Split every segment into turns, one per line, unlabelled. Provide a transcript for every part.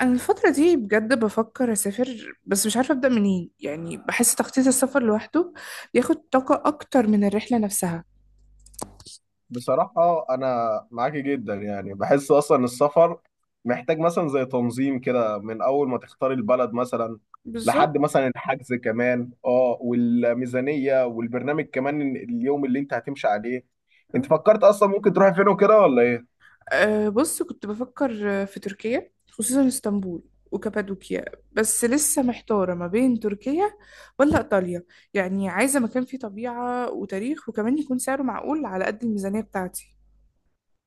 انا الفتره دي بجد بفكر اسافر، بس مش عارفه ابدا منين. يعني بحس تخطيط السفر لوحده بياخد طاقه اكتر من الرحله نفسها.
بصراحة أنا معاكي جدا. يعني بحس أصلا السفر محتاج مثلا زي تنظيم كده، من أول ما تختاري البلد مثلا لحد
بالظبط.
مثلا الحجز كمان، اه، والميزانية والبرنامج كمان، اليوم اللي أنت هتمشي عليه. أنت
أه.
فكرت أصلا ممكن تروحي فين وكده ولا إيه؟
أه، بص كنت بفكر في تركيا، خصوصا اسطنبول وكابادوكيا. بس لسه محتاره ما بين تركيا ولا ايطاليا. يعني عايزه مكان فيه طبيعه وتاريخ، وكمان يكون سعره معقول على قد الميزانيه بتاعتي.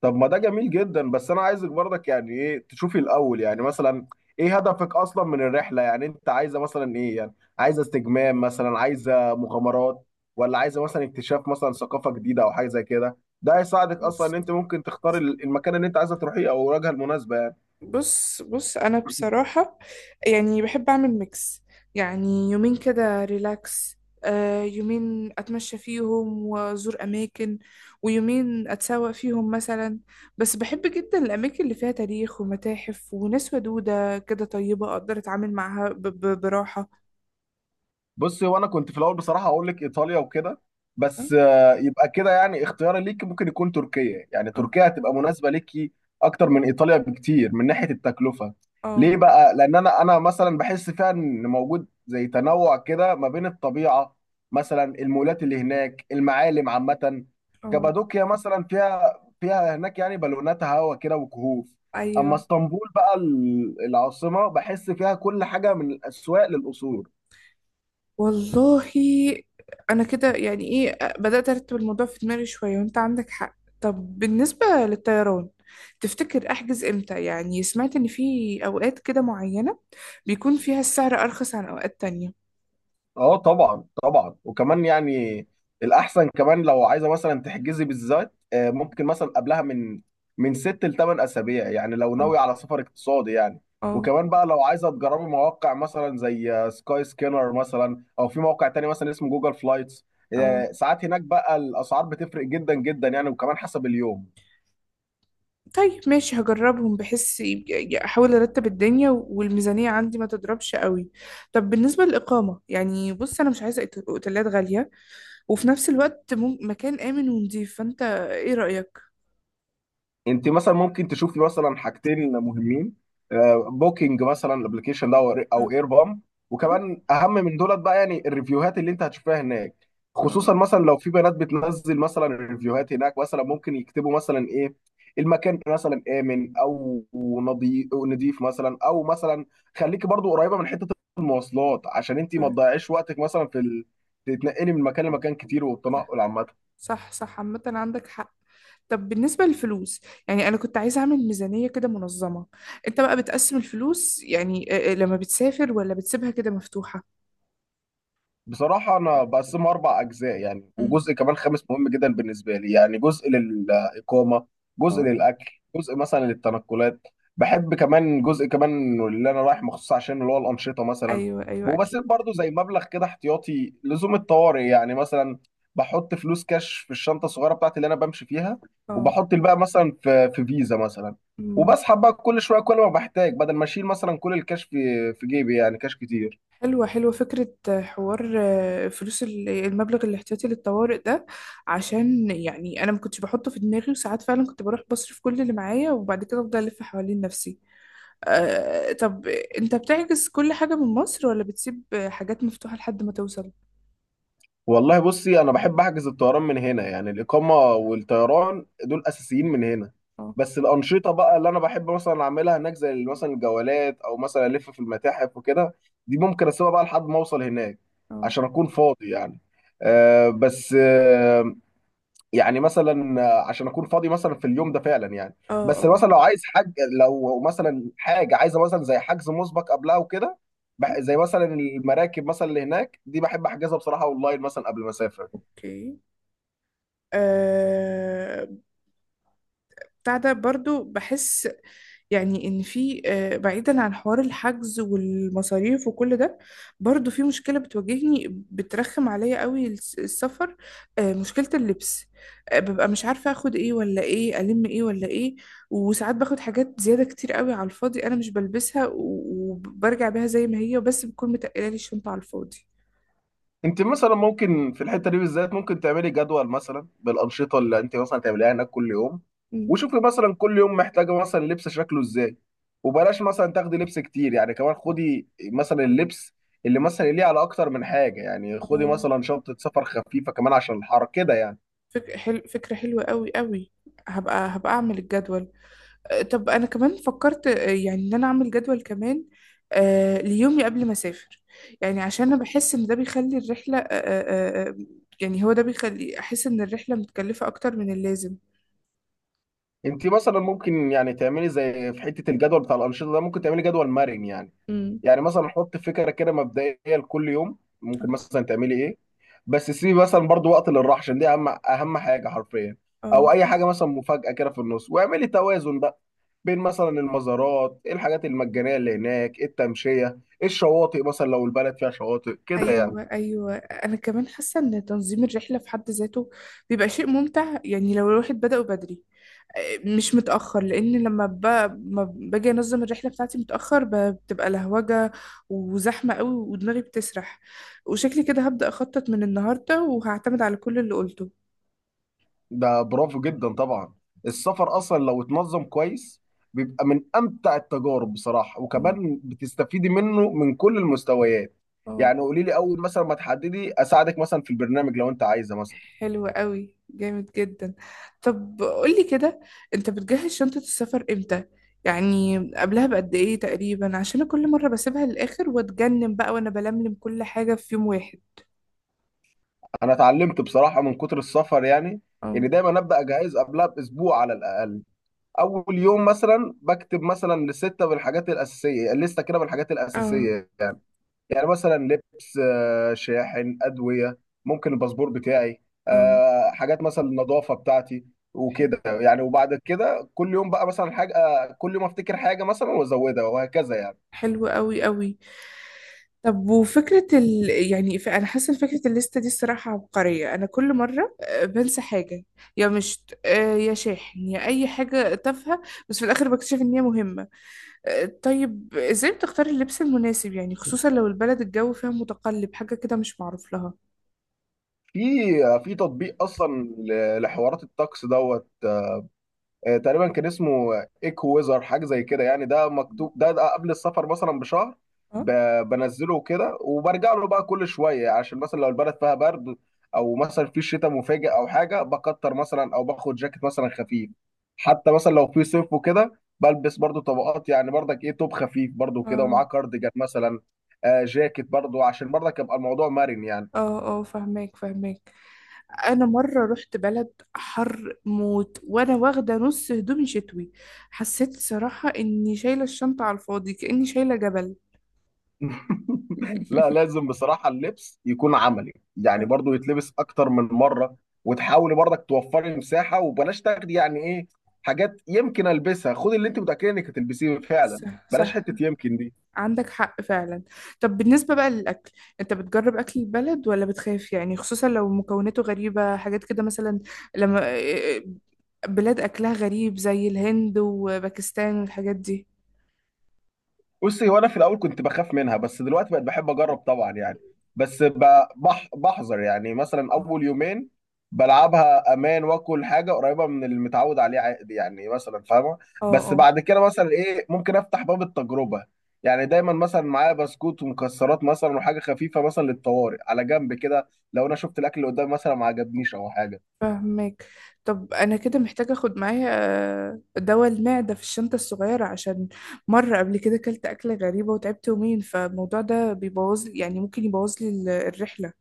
طب ما ده جميل جدا، بس انا عايزك برضك يعني ايه تشوفي الاول، يعني مثلا ايه هدفك اصلا من الرحله، يعني انت عايزه مثلا ايه؟ يعني عايزه استجمام مثلا، عايزه مغامرات، ولا عايزه مثلا اكتشاف مثلا ثقافه جديده او حاجه زي كده. ده هيساعدك اصلا ان انت ممكن تختار المكان اللي انت عايزه تروحيه او الوجهه المناسبه يعني.
بص بص انا بصراحة، يعني بحب اعمل ميكس. يعني يومين كده ريلاكس، يومين اتمشى فيهم وازور اماكن، ويومين اتسوق فيهم مثلا. بس بحب جدا الاماكن اللي فيها تاريخ ومتاحف وناس ودودة كده طيبة، اقدر اتعامل معاها براحة.
بصي، وانا كنت في الاول بصراحه اقول لك ايطاليا وكده،
اه.
بس يبقى كده يعني اختياري ليك ممكن يكون تركيا. يعني
اه.
تركيا هتبقى مناسبه ليكي اكتر من ايطاليا بكتير من ناحيه التكلفه.
اه.
ليه بقى؟ لان انا مثلا بحس فيها ان موجود زي تنوع كده ما بين الطبيعه مثلا، المولات اللي هناك، المعالم عامه.
آه.
كابادوكيا مثلا فيها هناك يعني بالونات هوا كده وكهوف. اما
ايوه.
اسطنبول بقى، العاصمه، بحس فيها كل حاجه من الاسواق للقصور.
والله انا كده يعني ايه، بدأت ارتب الموضوع في دماغي شوية، وانت عندك حق. طب بالنسبة للطيران، تفتكر احجز امتى؟ يعني سمعت ان في اوقات كده معينة بيكون فيها السعر ارخص عن اوقات تانية.
اه، طبعا طبعا. وكمان يعني الاحسن كمان لو عايزه مثلا تحجزي بالذات، ممكن مثلا قبلها من من 6 لـ 8 اسابيع يعني، لو
اه.
ناوي على سفر اقتصادي يعني.
اه.
وكمان بقى لو عايزه تجربي مواقع مثلا زي سكاي سكينر مثلا، او في موقع تاني مثلا اسمه جوجل فلايتس.
اه.
ساعات هناك بقى الاسعار بتفرق جدا جدا يعني، وكمان حسب اليوم.
طيب، ماشي، هجربهم. بحس احاول ارتب الدنيا والميزانية عندي ما تضربش قوي. طب بالنسبة للإقامة، يعني بص انا مش عايزة اوتيلات غالية، وفي نفس الوقت مكان آمن ونضيف. فانت ايه رأيك؟
انت مثلا ممكن تشوفي مثلا حاجتين مهمين، بوكينج مثلا الابلكيشن ده
اه.
او اير بام.
آه.
وكمان اهم من دولت بقى يعني الريفيوهات اللي انت هتشوفها هناك. خصوصا
اه.
مثلا لو في بنات بتنزل مثلا الريفيوهات هناك، مثلا ممكن يكتبوا مثلا ايه المكان، مثلا امن او نظيف نضيف مثلا، او مثلا خليكي برضو قريبه من حته المواصلات عشان انت ما
طيب.
تضيعيش وقتك مثلا في تتنقلي من مكان لمكان كتير، والتنقل عامه.
صح، صح، عامة عندك حق. طب بالنسبة للفلوس، يعني أنا كنت عايزة أعمل ميزانية كده منظمة. أنت بقى بتقسم الفلوس، يعني لما بتسافر ولا بتسيبها كده مفتوحة؟
بصراحة أنا بقسمه أربع أجزاء يعني،
مم.
وجزء كمان خامس مهم جدا بالنسبة لي. يعني جزء للإقامة، جزء
اه.
للأكل، جزء مثلا للتنقلات. بحب كمان جزء كمان اللي أنا رايح مخصوص عشان اللي هو الأنشطة مثلا.
أيوه، أيوه، أكيد.
وبسيب برضو زي مبلغ كده احتياطي لزوم الطوارئ يعني. مثلا بحط فلوس كاش في الشنطة الصغيرة بتاعتي اللي أنا بمشي فيها،
اه.
وبحط الباقي مثلا في فيزا مثلا،
أمم.
وبسحب بقى كل شوية كل ما بحتاج، بدل ما أشيل مثلا كل الكاش في جيبي يعني، كاش كتير.
حلوة، حلوة فكرة حوار فلوس المبلغ الاحتياطي للطوارئ ده. عشان يعني أنا ما كنتش بحطه في دماغي، وساعات فعلا كنت بروح بصرف كل اللي معايا، وبعد كده أفضل ألف حوالين نفسي. طب انت بتعكس كل حاجة من مصر، ولا بتسيب حاجات مفتوحة لحد ما توصل؟
والله بصي، انا بحب احجز الطيران من هنا. يعني الاقامه والطيران دول اساسيين من هنا،
اه.
بس الانشطه بقى اللي انا بحب مثلا اعملها هناك، زي مثلا الجولات او مثلا الف في المتاحف وكده، دي ممكن اسيبها بقى لحد ما اوصل هناك
اه.
عشان اكون فاضي يعني. آه بس آه يعني مثلا عشان اكون فاضي مثلا في اليوم ده فعلا يعني.
اه.
بس
اه.
مثلا لو عايز حاجه، لو مثلا حاجه عايزه مثلا زي حجز مسبق قبلها وكده، زي مثلا المراكب مثلا اللي هناك دي بحب احجزها بصراحه اونلاين مثلا قبل ما اسافر.
اوكي. آه، بتاع ده برضو بحس يعني ان في، بعيدا عن حوار الحجز والمصاريف وكل ده، برضو في مشكلة بتواجهني بترخم عليا قوي السفر. مشكلة اللبس. ببقى مش عارفة اخد ايه، ولا ايه الم ايه، ولا ايه. وساعات باخد حاجات زيادة كتير قوي على الفاضي، انا مش بلبسها وبرجع بيها زي ما هي، بس بتكون متقلة لي الشنطة على الفاضي.
انت مثلا ممكن في الحته دي بالذات ممكن تعملي جدول مثلا بالانشطه اللي انت مثلا تعمليها هناك كل يوم،
مم.
وشوفي مثلا كل يوم محتاجه مثلا لبس شكله ازاي، وبلاش مثلا تاخدي لبس كتير يعني. كمان خدي مثلا اللبس اللي مثلا ليه على اكتر من حاجه يعني، خدي
آه،
مثلا شنطه سفر خفيفه كمان عشان الحر كده يعني.
فكرة حلوة قوي قوي. هبقى اعمل الجدول. طب انا كمان فكرت يعني ان انا اعمل جدول كمان ليومي قبل ما اسافر. يعني عشان انا بحس ان ده بيخلي الرحله يعني هو ده بيخلي احس ان الرحله متكلفه اكتر من اللازم.
انت مثلا ممكن يعني تعملي زي في حته الجدول بتاع الانشطه ده، ممكن تعملي جدول مرن يعني.
امم.
يعني مثلا حط فكره كده مبدئيه لكل يوم ممكن مثلا تعملي ايه، بس سيبي مثلا برضو وقت للراحه عشان دي اهم اهم حاجه حرفيا،
اه.
او اي حاجه مثلا مفاجاه كده في النص. واعملي توازن بقى بين مثلا المزارات، إيه الحاجات المجانيه اللي هناك، إيه التمشيه، إيه الشواطئ مثلا لو البلد فيها شواطئ كده يعني.
ايوه، ايوه، انا كمان حاسه ان تنظيم الرحله في حد ذاته بيبقى شيء ممتع. يعني لو الواحد بدأه بدري، مش متأخر. لأن لما ما باجي أنظم الرحلة بتاعتي متأخر بتبقى لهوجة وزحمة قوي، ودماغي بتسرح. وشكلي كده هبدأ أخطط من النهاردة، وهعتمد على كل اللي قلته.
ده برافو جدا طبعا. السفر اصلا لو اتنظم كويس بيبقى من امتع التجارب بصراحه،
مم.
وكمان بتستفيدي منه من كل المستويات.
اه.
يعني قولي لي اول مثلا ما تحددي اساعدك مثلا في البرنامج لو انت عايزه مثلا.
حلو قوي، جامد جدا. طب قولي كده، أنت بتجهز شنطة السفر إمتى؟ يعني قبلها بقد إيه تقريبا؟ عشان أنا كل مرة بسيبها للآخر، وأتجنن بقى وأنا بلملم كل حاجة في يوم واحد.
انا اتعلمت بصراحه من كتر السفر يعني
اه.
ان دايما ابدا اجهز قبلها باسبوع على الاقل. اول يوم مثلا بكتب مثلا لستة بالحاجات الاساسيه، لسته كده بالحاجات
اه.
الاساسيه. يعني مثلا لبس، شاحن، ادويه، ممكن الباسبور بتاعي،
اه.
حاجات مثلا النظافه بتاعتي
حلو،
وكده يعني. وبعد كده كل يوم بقى مثلا حاجه، كل يوم افتكر حاجه مثلا وازودها وهكذا يعني.
حلو قوي قوي. طب وفكرة يعني أنا حاسة إن فكرة الليستة دي الصراحة عبقرية. أنا كل مرة بنسى حاجة. يا مشت يا شاحن، يا أي حاجة تافهة. بس في الآخر بكتشف إن هي مهمة. طيب إزاي بتختار اللبس المناسب؟ يعني خصوصا لو البلد الجو فيها متقلب، حاجة كده مش معروف لها.
في في تطبيق اصلا لحوارات الطقس دوت، تقريبا كان اسمه ايكو ويزر حاجه زي كده يعني. ده مكتوب ده قبل السفر مثلا بشهر،
اه.
بنزله كده وبرجع له بقى كل شويه عشان مثلا لو البلد فيها برد، او مثلا في شتاء مفاجئ او حاجه، بكتر مثلا او باخد جاكيت مثلا خفيف. حتى مثلا لو في صيف وكده، بلبس برضو طبقات. يعني برضك ايه توب خفيف برضو كده
اه.
ومعاه كارديجان مثلا، جاكيت برضو، عشان برضك يبقى الموضوع مرن يعني.
اه. اه. فهماك، فهماك. انا مره رحت بلد حر موت، وانا واخده نص هدومي شتوي. حسيت صراحه اني شايله الشنطه على الفاضي، كاني شايله جبل.
لا لازم بصراحة اللبس يكون عملي يعني،
أه،
برضو يتلبس أكتر من مرة، وتحاولي برضك توفري مساحة، وبلاش تاخدي يعني إيه حاجات يمكن ألبسها، خدي اللي أنت متأكدة إنك هتلبسيه فعلا،
صح،
بلاش
صح،
حتة يمكن دي.
عندك حق فعلا. طب بالنسبة بقى للأكل، أنت بتجرب أكل البلد ولا بتخاف؟ يعني خصوصا لو مكوناته غريبة، حاجات كده مثلا. لما بلاد أكلها غريب زي الهند وباكستان والحاجات دي.
بصي هو انا في الاول كنت بخاف منها، بس دلوقتي بقت بحب اجرب طبعا يعني. بس ب- بح بحذر يعني، مثلا اول يومين بلعبها امان واكل حاجه قريبه من اللي متعود عليه عادي يعني، مثلا فاهمه.
اه.
بس
اه.
بعد كده مثلا ايه ممكن افتح باب التجربه. يعني دايما مثلا معايا بسكوت ومكسرات مثلا وحاجه خفيفه مثلا للطوارئ على جنب كده، لو انا شفت الاكل اللي قدامي مثلا ما عجبنيش او حاجه.
فاهمك. طب أنا كده محتاجة أخد معايا دواء المعدة في الشنطة الصغيرة. عشان مرة قبل كده أكلت أكلة غريبة وتعبت يومين. فالموضوع ده بيبوظ، يعني ممكن يبوظ لي الرحلة.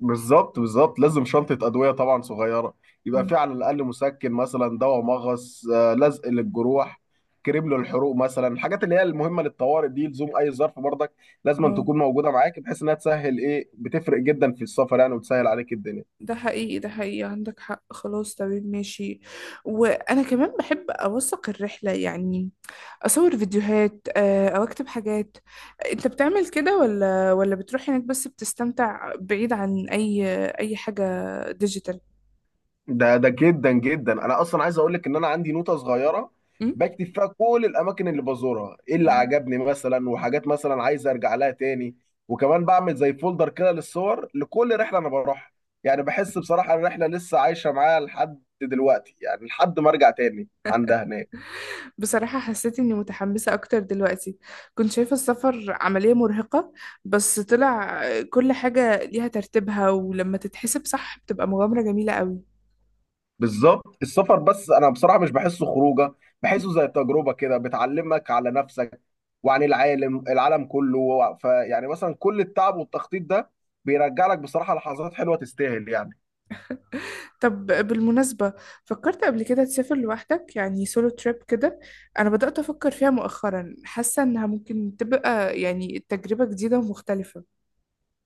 بالظبط بالظبط، لازم شنطة أدوية طبعا صغيرة، يبقى
مم.
في على الأقل مسكن مثلا، دواء مغص، لزق للجروح، كريم للحروق مثلا، الحاجات اللي هي المهمة للطوارئ دي لزوم أي ظرف برضك لازم أن
اه.
تكون موجودة معاك، بحيث إنها تسهل إيه، بتفرق جدا في السفر يعني وتسهل عليك الدنيا.
ده حقيقي، ده حقيقي، عندك حق. خلاص تمام ماشي. وانا كمان بحب اوثق الرحله، يعني اصور فيديوهات او اكتب حاجات. انت بتعمل كده ولا بتروح هناك بس بتستمتع بعيد عن اي حاجه ديجيتال؟
ده جدا جدا انا اصلا عايز اقول لك ان انا عندي نوتة صغيرة
أم؟
بكتب فيها كل الاماكن اللي بزورها، ايه اللي
تمام.
عجبني مثلا، وحاجات مثلا عايز ارجع لها تاني. وكمان بعمل زي فولدر كده للصور لكل رحلة انا بروحها. يعني بحس بصراحة الرحلة لسه عايشة معايا لحد دلوقتي، يعني لحد ما ارجع تاني عندها هناك.
بصراحة حسيت إني متحمسة أكتر دلوقتي. كنت شايفة السفر عملية مرهقة، بس طلع كل حاجة ليها ترتيبها، ولما تتحسب صح بتبقى مغامرة جميلة قوي.
بالظبط. السفر بس انا بصراحه مش بحسه خروجه، بحسه زي تجربه كده بتعلمك على نفسك وعن العالم، العالم كله. فيعني مثلا كل التعب والتخطيط ده بيرجع لك بصراحه لحظات حلوه تستاهل يعني.
طب بالمناسبة، فكرت قبل كده تسافر لوحدك؟ يعني سولو تريب كده. أنا بدأت أفكر فيها مؤخرا، حاسة إنها ممكن تبقى يعني تجربة جديدة ومختلفة.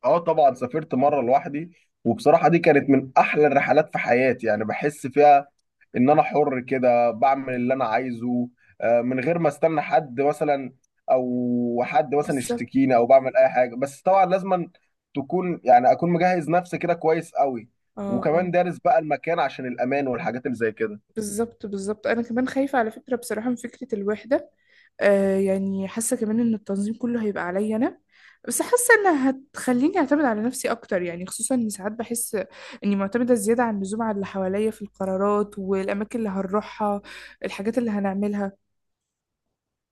اه طبعا، سافرت مره لوحدي وبصراحه دي كانت من احلى الرحلات في حياتي. يعني بحس فيها ان انا حر كده بعمل اللي انا عايزه، من غير ما استنى حد مثلا، او حد مثلا
بالظبط.
يشتكيني، او بعمل اي حاجه. بس طبعا لازم تكون يعني اكون مجهز نفسي كده كويس قوي،
اه.
وكمان
اه.
دارس بقى المكان عشان الامان والحاجات اللي زي كده.
بالظبط، بالظبط، أنا كمان خايفة على فكرة بصراحة من فكرة الوحدة. يعني حاسة كمان إن التنظيم كله هيبقى عليا أنا. بس حاسة إنها هتخليني أعتمد على نفسي أكتر، يعني خصوصا إن ساعات بحس إني معتمدة زيادة عن اللزوم على اللي حواليا في القرارات والأماكن اللي هنروحها، الحاجات اللي هنعملها.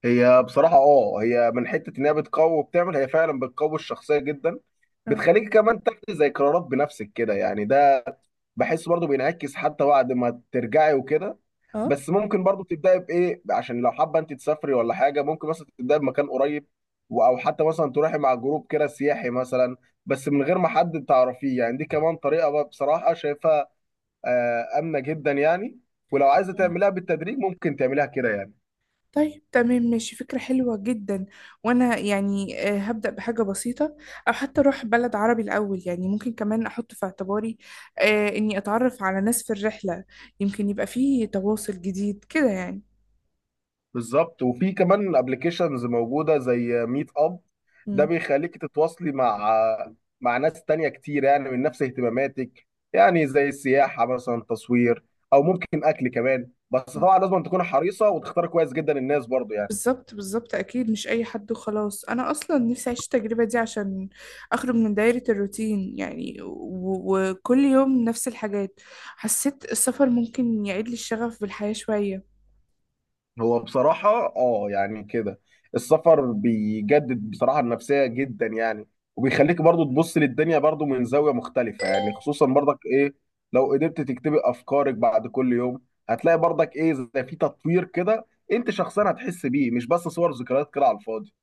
هي بصراحه اه هي من حته ان هي بتقوي وبتعمل، هي فعلا بتقوي الشخصيه جدا، بتخليك كمان تاخدي زي قرارات بنفسك كده يعني. ده بحس برضو بينعكس حتى بعد ما ترجعي وكده.
اه.
بس ممكن برضو تبداي بايه، عشان لو حابه انت تسافري ولا حاجه ممكن مثلا تبداي بمكان قريب، او حتى مثلا تروحي مع جروب كده سياحي مثلا بس من غير ما حد تعرفيه يعني. دي كمان طريقه بقى بصراحه شايفها امنه جدا يعني، ولو عايزه
آه.
تعمليها بالتدريج ممكن تعمليها كده يعني.
طيب تمام ماشي، فكرة حلوة جدا. وانا يعني هبدأ بحاجة بسيطة، او حتى اروح بلد عربي الاول. يعني ممكن كمان احط في اعتباري اني اتعرف على ناس في الرحلة. يمكن يبقى فيه تواصل جديد كده يعني.
بالظبط. وفي كمان ابلكيشنز موجوده زي ميت اب، ده
مم.
بيخليك تتواصلي مع ناس تانية كتير يعني، من نفس اهتماماتك، يعني زي السياحه مثلا، تصوير، او ممكن اكل كمان. بس
آه.
طبعا لازم تكون حريصه وتختار كويس جدا الناس برضو يعني.
بالظبط، بالظبط، اكيد مش اي حد وخلاص. انا اصلا نفسي اعيش التجربة دي عشان اخرج من دايرة الروتين. يعني وكل يوم نفس الحاجات، حسيت السفر ممكن يعيد لي الشغف بالحياة شوية.
هو بصراحة اه يعني كده السفر بيجدد بصراحة النفسية جدا يعني، وبيخليك برضو تبص للدنيا برضو من زاوية مختلفة يعني. خصوصا برضك ايه لو قدرت تكتبي افكارك بعد كل يوم، هتلاقي برضك ايه زي في تطوير كده انت شخصيا هتحس بيه، مش بس صور ذكريات كده على الفاضي.